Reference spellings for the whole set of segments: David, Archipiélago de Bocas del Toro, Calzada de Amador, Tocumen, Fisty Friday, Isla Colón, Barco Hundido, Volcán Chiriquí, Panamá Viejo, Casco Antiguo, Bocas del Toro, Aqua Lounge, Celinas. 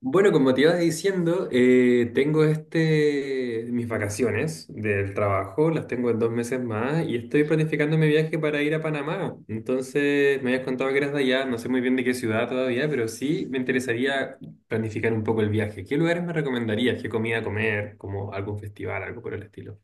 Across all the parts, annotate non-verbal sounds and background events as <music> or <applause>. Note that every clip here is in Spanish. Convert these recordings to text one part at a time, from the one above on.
Bueno, como te iba diciendo, tengo mis vacaciones del trabajo, las tengo en 2 meses más y estoy planificando mi viaje para ir a Panamá. Entonces, me habías contado que eras de allá, no sé muy bien de qué ciudad todavía, pero sí me interesaría planificar un poco el viaje. ¿Qué lugares me recomendarías? ¿Qué comida comer? ¿Como algún festival, algo por el estilo?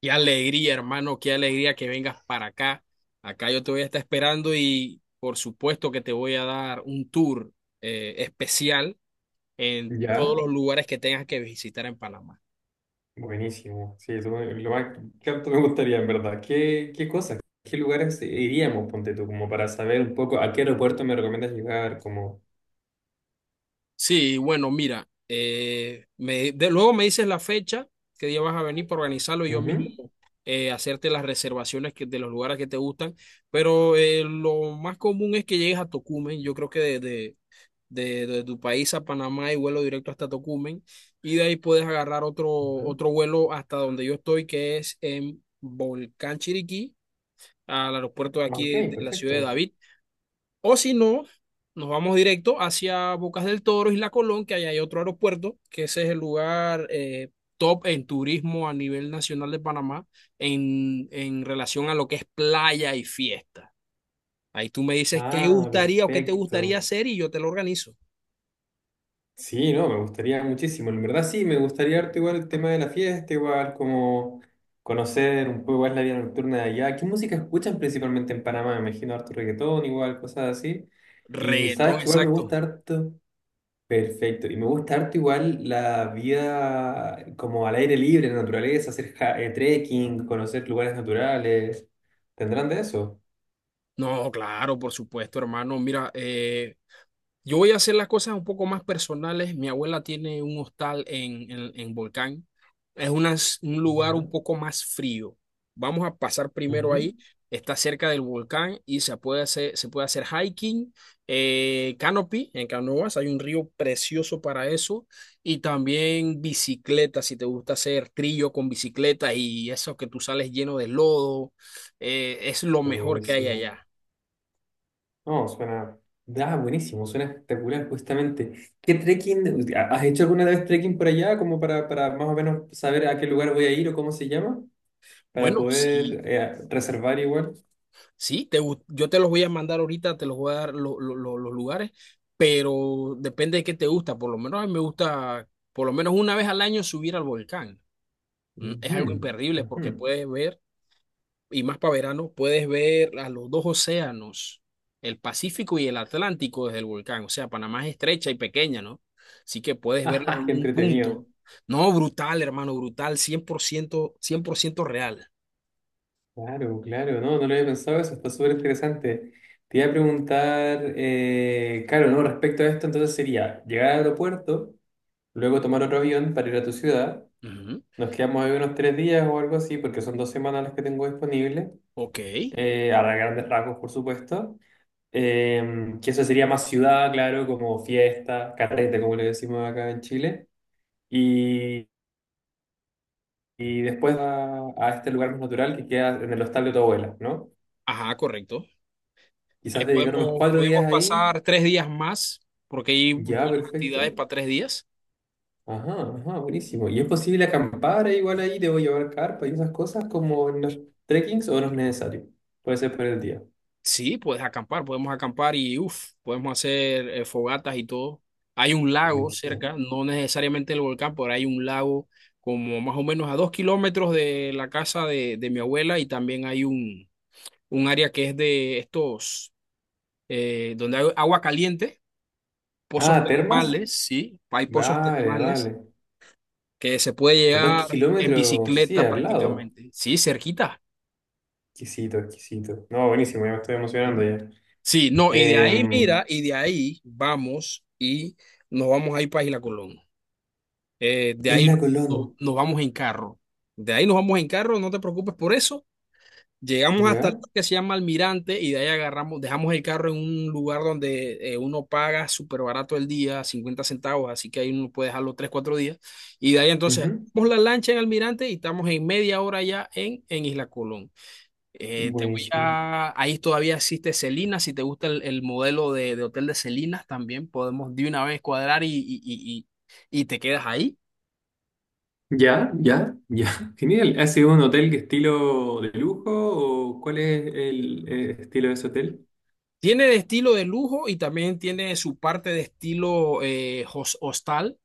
Qué alegría, hermano, qué alegría que vengas para acá. Acá yo te voy a estar esperando y por supuesto que te voy a dar un tour especial en todos ¿Ya? los lugares que tengas que visitar en Panamá. Buenísimo, sí, lo más que tanto me gustaría, en verdad. ¿Qué cosas, qué lugares iríamos, ponte tú, como para saber un poco a qué aeropuerto me recomiendas llegar? Como, Sí, bueno, mira, luego me dices la fecha, qué día vas a venir para organizarlo y yo mismo ujú, hacerte las reservaciones de los lugares que te gustan. Pero lo más común es que llegues a Tocumen. Yo creo que desde de tu país a Panamá y vuelo directo hasta Tocumen. Y de ahí puedes agarrar ujú. otro vuelo hasta donde yo estoy, que es en Volcán Chiriquí, al aeropuerto de aquí Ok, de la ciudad de perfecto. David. O si no, nos vamos directo hacia Bocas del Toro, Isla Colón, que ahí hay otro aeropuerto, que ese es el lugar top en turismo a nivel nacional de Panamá en relación a lo que es playa y fiesta. Ahí tú me dices qué Ah, gustaría o qué te gustaría perfecto. hacer y yo te lo organizo. Sí, no, me gustaría muchísimo. En verdad, sí, me gustaría harto igual el tema de la fiesta, igual como conocer un poco más la vida nocturna de allá. ¿Qué música escuchan principalmente en Panamá? Me imagino harto reggaetón, igual, cosas así. Y sabes Reggaetón, que igual me exacto. gusta harto. Perfecto. Y me gusta harto igual la vida como al aire libre, en la naturaleza, hacer trekking, conocer lugares naturales. ¿Tendrán de eso? No, claro, por supuesto, hermano. Mira, yo voy a hacer las cosas un poco más personales. Mi abuela tiene un hostal en Volcán. Es una- un lugar un Ya. poco más frío. Vamos a pasar primero ahí. Ujú. Está cerca del volcán y se puede hacer hiking, canopy en canoas. Hay un río precioso para eso. Y también bicicleta, si te gusta hacer trillo con bicicleta y eso que tú sales lleno de lodo. Es lo mejor que hay Buenísimo. allá. No, suena. Ah, buenísimo, suena espectacular, justamente. ¿Qué trekking? ¿Has hecho alguna vez trekking por allá? Como para más o menos saber a qué lugar voy a ir o cómo se llama, para Bueno, sí. poder reservar igual. Sí, yo te los voy a mandar ahorita, te los voy a dar los lugares, pero depende de qué te gusta. Por lo menos a mí me gusta, por lo menos una vez al año subir al volcán. Es algo Ujú, imperdible ujú. porque puedes ver, y más para verano, puedes ver a los dos océanos, el Pacífico y el Atlántico desde el volcán. O sea, Panamá es estrecha y pequeña, ¿no? Así que <laughs> puedes verlos Ajá, en qué un entretenido. punto. No, brutal, hermano, brutal, cien por ciento, 100% real. Claro, claro, no, no lo había pensado eso, está súper interesante. Te iba a preguntar, claro, no, respecto a esto, entonces sería llegar al aeropuerto, luego tomar otro avión para ir a tu ciudad, Ujú. nos quedamos ahí unos 3 días o algo así, porque son 2 semanas las que tengo disponibles, Ok. A grandes rasgos, por supuesto. Que eso sería más ciudad, claro, como fiesta, carrete, como le decimos acá en Chile, y, y después a este lugar más natural que queda en el hostal de tu abuela, ¿no? Ajá, correcto. Ahí Quizás de llegar unos podemos, 4 días podemos ahí. pasar 3 días más, porque hay Ya, buenas actividades perfecto. para 3 días. Ajá, ajá, buenísimo. ¿Y es posible acampar igual ahí? ¿Debo llevar carpa y esas cosas como en los trekkings o no es necesario? Puede ser por el día. Sí, puedes acampar, podemos acampar y uff, podemos hacer fogatas y todo. Hay un lago Buenísimo. cerca, no necesariamente el volcán, pero hay un lago como más o menos a 2 kilómetros de la casa de mi abuela y también hay un área que es de estos, donde hay agua caliente, pozos Ah, ¿termas? termales, sí, hay pozos Vale, termales. vale. Que se puede A dos llegar en kilómetros, sí, bicicleta al lado. prácticamente. Sí, cerquita. Exquisito, exquisito. No, buenísimo, ya me estoy emocionando Ujú. ya. Sí, no, y de ahí, Eh, mira, y de ahí vamos y nos vamos a ir para Isla Colón. De ahí Isla Colón, nos vamos en carro. De ahí nos vamos en carro, no te preocupes por eso. Llegamos hasta el ¿ya? que se llama Almirante y de ahí agarramos, dejamos el carro en un lugar donde uno paga súper barato el día, 50 centavos, así que ahí uno puede dejarlo 3 4 días. Y de ahí entonces, Ujú. vamos la lancha en Almirante y estamos en media hora ya en Isla Colón. Te voy Buenísimo. a. Ahí todavía existe Celinas, si te gusta el modelo de hotel de Celinas, también podemos de una vez cuadrar y te quedas ahí. Ya, ya, ya. ¿Mm? <laughs> Genial. ¿Ha sido un hotel que estilo de lujo o cuál es el estilo de ese hotel? Tiene de estilo de lujo y también tiene su parte de estilo hostal,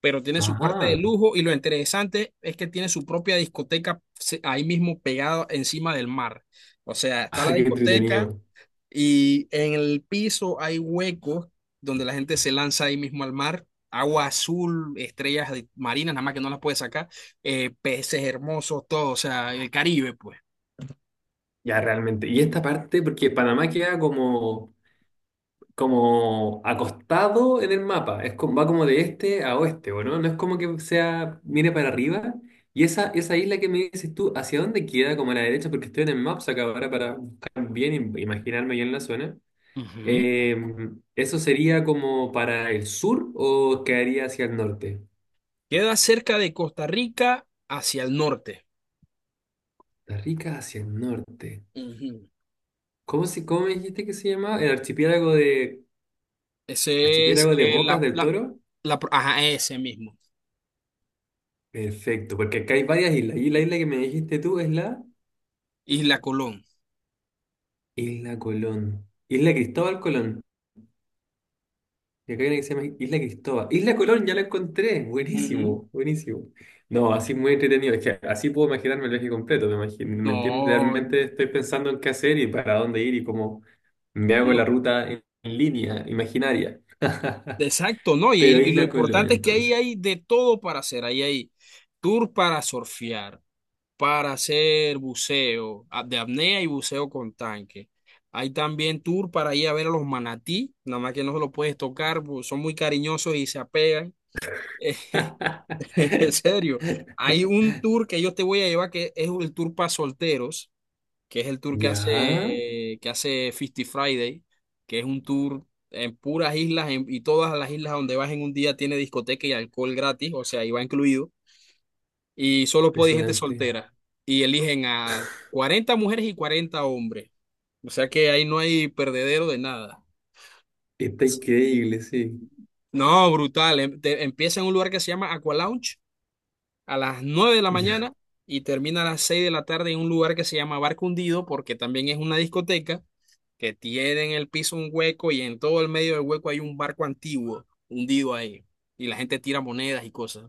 pero tiene su parte de Ajá, lujo y lo interesante es que tiene su propia discoteca ahí mismo pegada encima del mar. O sea, está ah, la qué discoteca. entretenido. Y en el piso hay huecos donde la gente se lanza ahí mismo al mar. Agua azul, estrellas marinas, nada más que no las puede sacar, peces hermosos, todo, o sea, el Caribe, pues. Ya realmente. Y esta parte, porque Panamá queda como, como acostado en el mapa, es como, va como de este a oeste, ¿o no? No es como que sea, mire para arriba. Y esa isla que me dices tú, ¿hacia dónde queda? Como a la derecha, porque estoy en el Maps acá ahora para buscar bien y imaginarme bien la zona. Ujú. Eh, ¿Eso sería como para el sur o quedaría hacia el norte? Queda cerca de Costa Rica hacia el norte. Costa Rica hacia el norte. Ujú. ¿Cómo, se, cómo me dijiste que se llamaba? El archipiélago de... Ese es Archipiélago de Bocas del Toro. Ajá, ese mismo. Perfecto, porque acá hay varias islas. Y la isla que me dijiste tú es la Isla Colón. Isla Colón. Isla Cristóbal Colón. Y acá hay una que se llama Isla Cristóbal. Isla Colón, ya la encontré. Ujú. Buenísimo, buenísimo. No, así muy entretenido. Es que así puedo imaginarme el viaje completo. ¿Me imagino, me entiendes? No, Realmente estoy pensando en qué hacer y para dónde ir y cómo me hago no, la ruta en línea, imaginaria. exacto, no. <laughs> Y, Pero y lo Isla Colón, importante es que ahí entonces. hay de todo para hacer. Ahí hay tour para surfear para hacer buceo de apnea y buceo con tanque. Hay también tour para ir a ver a los manatí, nada más que no se los puedes tocar, pues, son muy cariñosos y se apegan. <laughs> En <laughs> serio, hay un tour que yo te voy a llevar que es el tour para solteros, que es el tour Ya, que hace Fisty Friday, que es un tour en puras islas y todas las islas donde vas en un día tiene discoteca y alcohol gratis, o sea, ahí va incluido y solo puede ir gente impresionante. soltera. Y eligen a 40 mujeres y 40 hombres. O sea que ahí no hay perdedero de nada. Está increíble, sí. No, brutal. Empieza en un lugar que se llama Aqua Lounge a las 9 de la Yo- mañana y termina a las 6 de la tarde en un lugar que se llama Barco Hundido porque también es una discoteca que tiene en el piso un hueco y en todo el medio del hueco hay un barco antiguo hundido ahí. Y la gente tira monedas y cosas.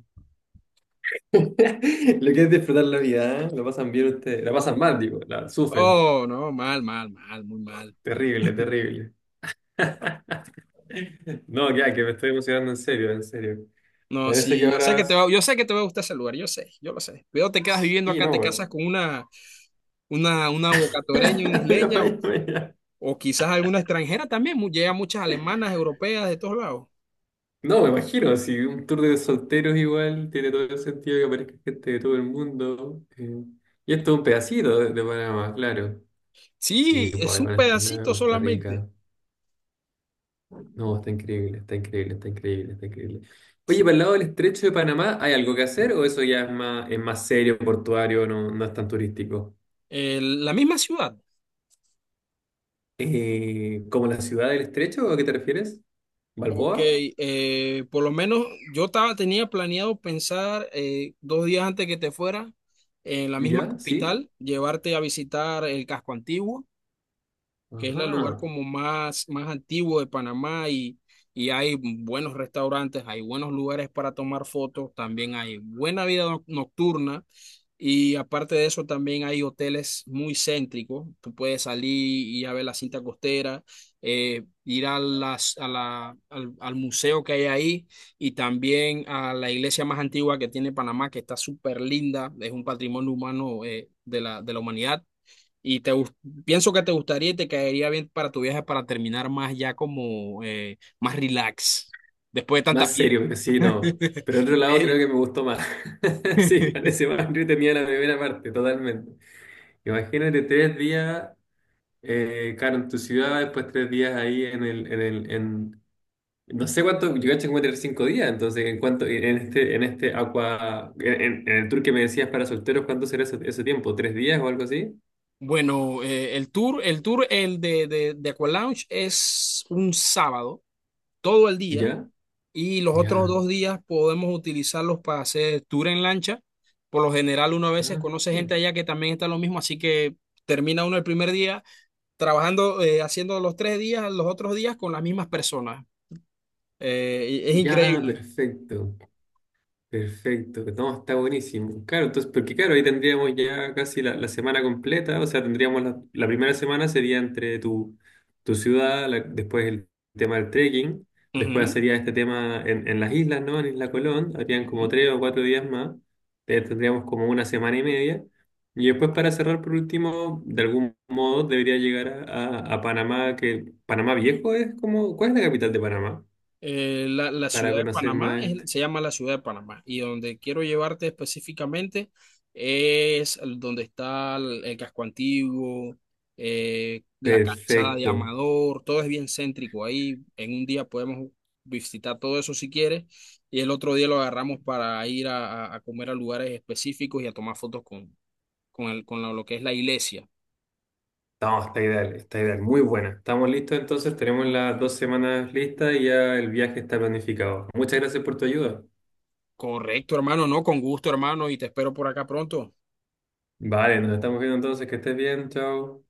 <laughs> Lo que es disfrutar la vida, ¿eh? Lo pasan bien ustedes, la pasan mal, digo, la sufren. Oh, no, mal, mal, mal, muy mal. Terrible, terrible. No, ya, que me estoy emocionando en serio, en serio. No, Parece que sí, ahora... yo sé que te va a gustar ese lugar, yo sé, yo lo sé. Pero te quedas viviendo Sí, acá, no, te güey. casas con una bocatoreña, una <laughs> Una isleña falla mía. o quizás alguna extranjera también. Llegan muchas alemanas, europeas, de todos lados. No, me imagino, si un tour de solteros igual tiene todo el sentido que aparezca gente de todo el mundo. Y esto es un pedacito de Panamá, claro. Sí, Sí, pues es ahí un van a estar la pedacito Costa solamente. Rica. No, está increíble, está increíble, está increíble, está increíble. Oye, Sí. para el lado del estrecho de Panamá, ¿hay algo que hacer o eso ya es más serio, portuario, no, no es tan turístico? La misma ciudad. ¿Como la ciudad del estrecho? ¿A qué te refieres? Ok, ¿Balboa? Por lo menos yo estaba, tenía planeado pensar 2 días antes que te fuera en la misma ¿Ya? ¿Sí? capital, llevarte a visitar el casco antiguo que es el lugar Ajá. como más, más antiguo de Panamá y hay buenos restaurantes, hay buenos lugares para tomar fotos, también hay buena vida nocturna y aparte de eso también hay hoteles muy céntricos, tú puedes salir y ir a ver la cinta costera, ir a las, a la, al, al museo que hay ahí y también a la iglesia más antigua que tiene Panamá, que está súper linda, es un patrimonio humano de la humanidad. Y te gus- pienso que te gustaría y te caería bien para tu viaje para terminar más ya como más relax después de tanta Más serio, fiesta. pero sí, no. <laughs> Pero el otro lado creo Eh, que me gustó más. <laughs> Sí, parece <laughs> más tenía la primera parte, totalmente. Imagínate 3 días, claro, en tu ciudad, después 3 días ahí No sé cuánto, yo caché como tener 5 días, entonces en cuanto, en este agua, en el tour que me decías para solteros, ¿cuánto será ese tiempo? ¿3 días o algo así? Bueno, el tour, el de Aqua Lounge es un sábado, todo el día, ¿Ya? y los otros Ya. 2 días podemos utilizarlos para hacer tour en lancha. Por lo general, uno a veces Ah, conoce gente allá que también está lo mismo, así que termina uno el primer día trabajando, haciendo los 3 días, los otros días con las mismas personas. Y es ya, increíble. perfecto. Perfecto, no, está buenísimo. Claro, entonces, porque claro, ahí tendríamos ya casi la semana completa, o sea, tendríamos la primera semana sería entre tu, tu ciudad, la- después el tema del trekking, después Ujú, sería este tema en las islas, ¿no? En Isla Colón, habrían como ujú. 3 o 4 días más, tendríamos como una semana y media, y después para cerrar por último, de algún modo debería llegar a Panamá, que Panamá Viejo es como, ¿cuál es la capital de Panamá? La Para ciudad de conocer Panamá más este. se llama la ciudad de Panamá y donde quiero llevarte específicamente donde está el casco antiguo, la calzada de Perfecto. Amador, todo es bien céntrico ahí. En un día podemos visitar todo eso si quieres y el otro día lo agarramos para ir a comer a lugares específicos y a tomar fotos con el, con lo que es la iglesia. No, está ideal, muy buena. Estamos listos entonces, tenemos las 2 semanas listas y ya el viaje está planificado. Muchas gracias por tu ayuda. Correcto, hermano, no, con gusto, hermano, y te espero por acá pronto. Vale, nos estamos viendo entonces, que estés bien, chao.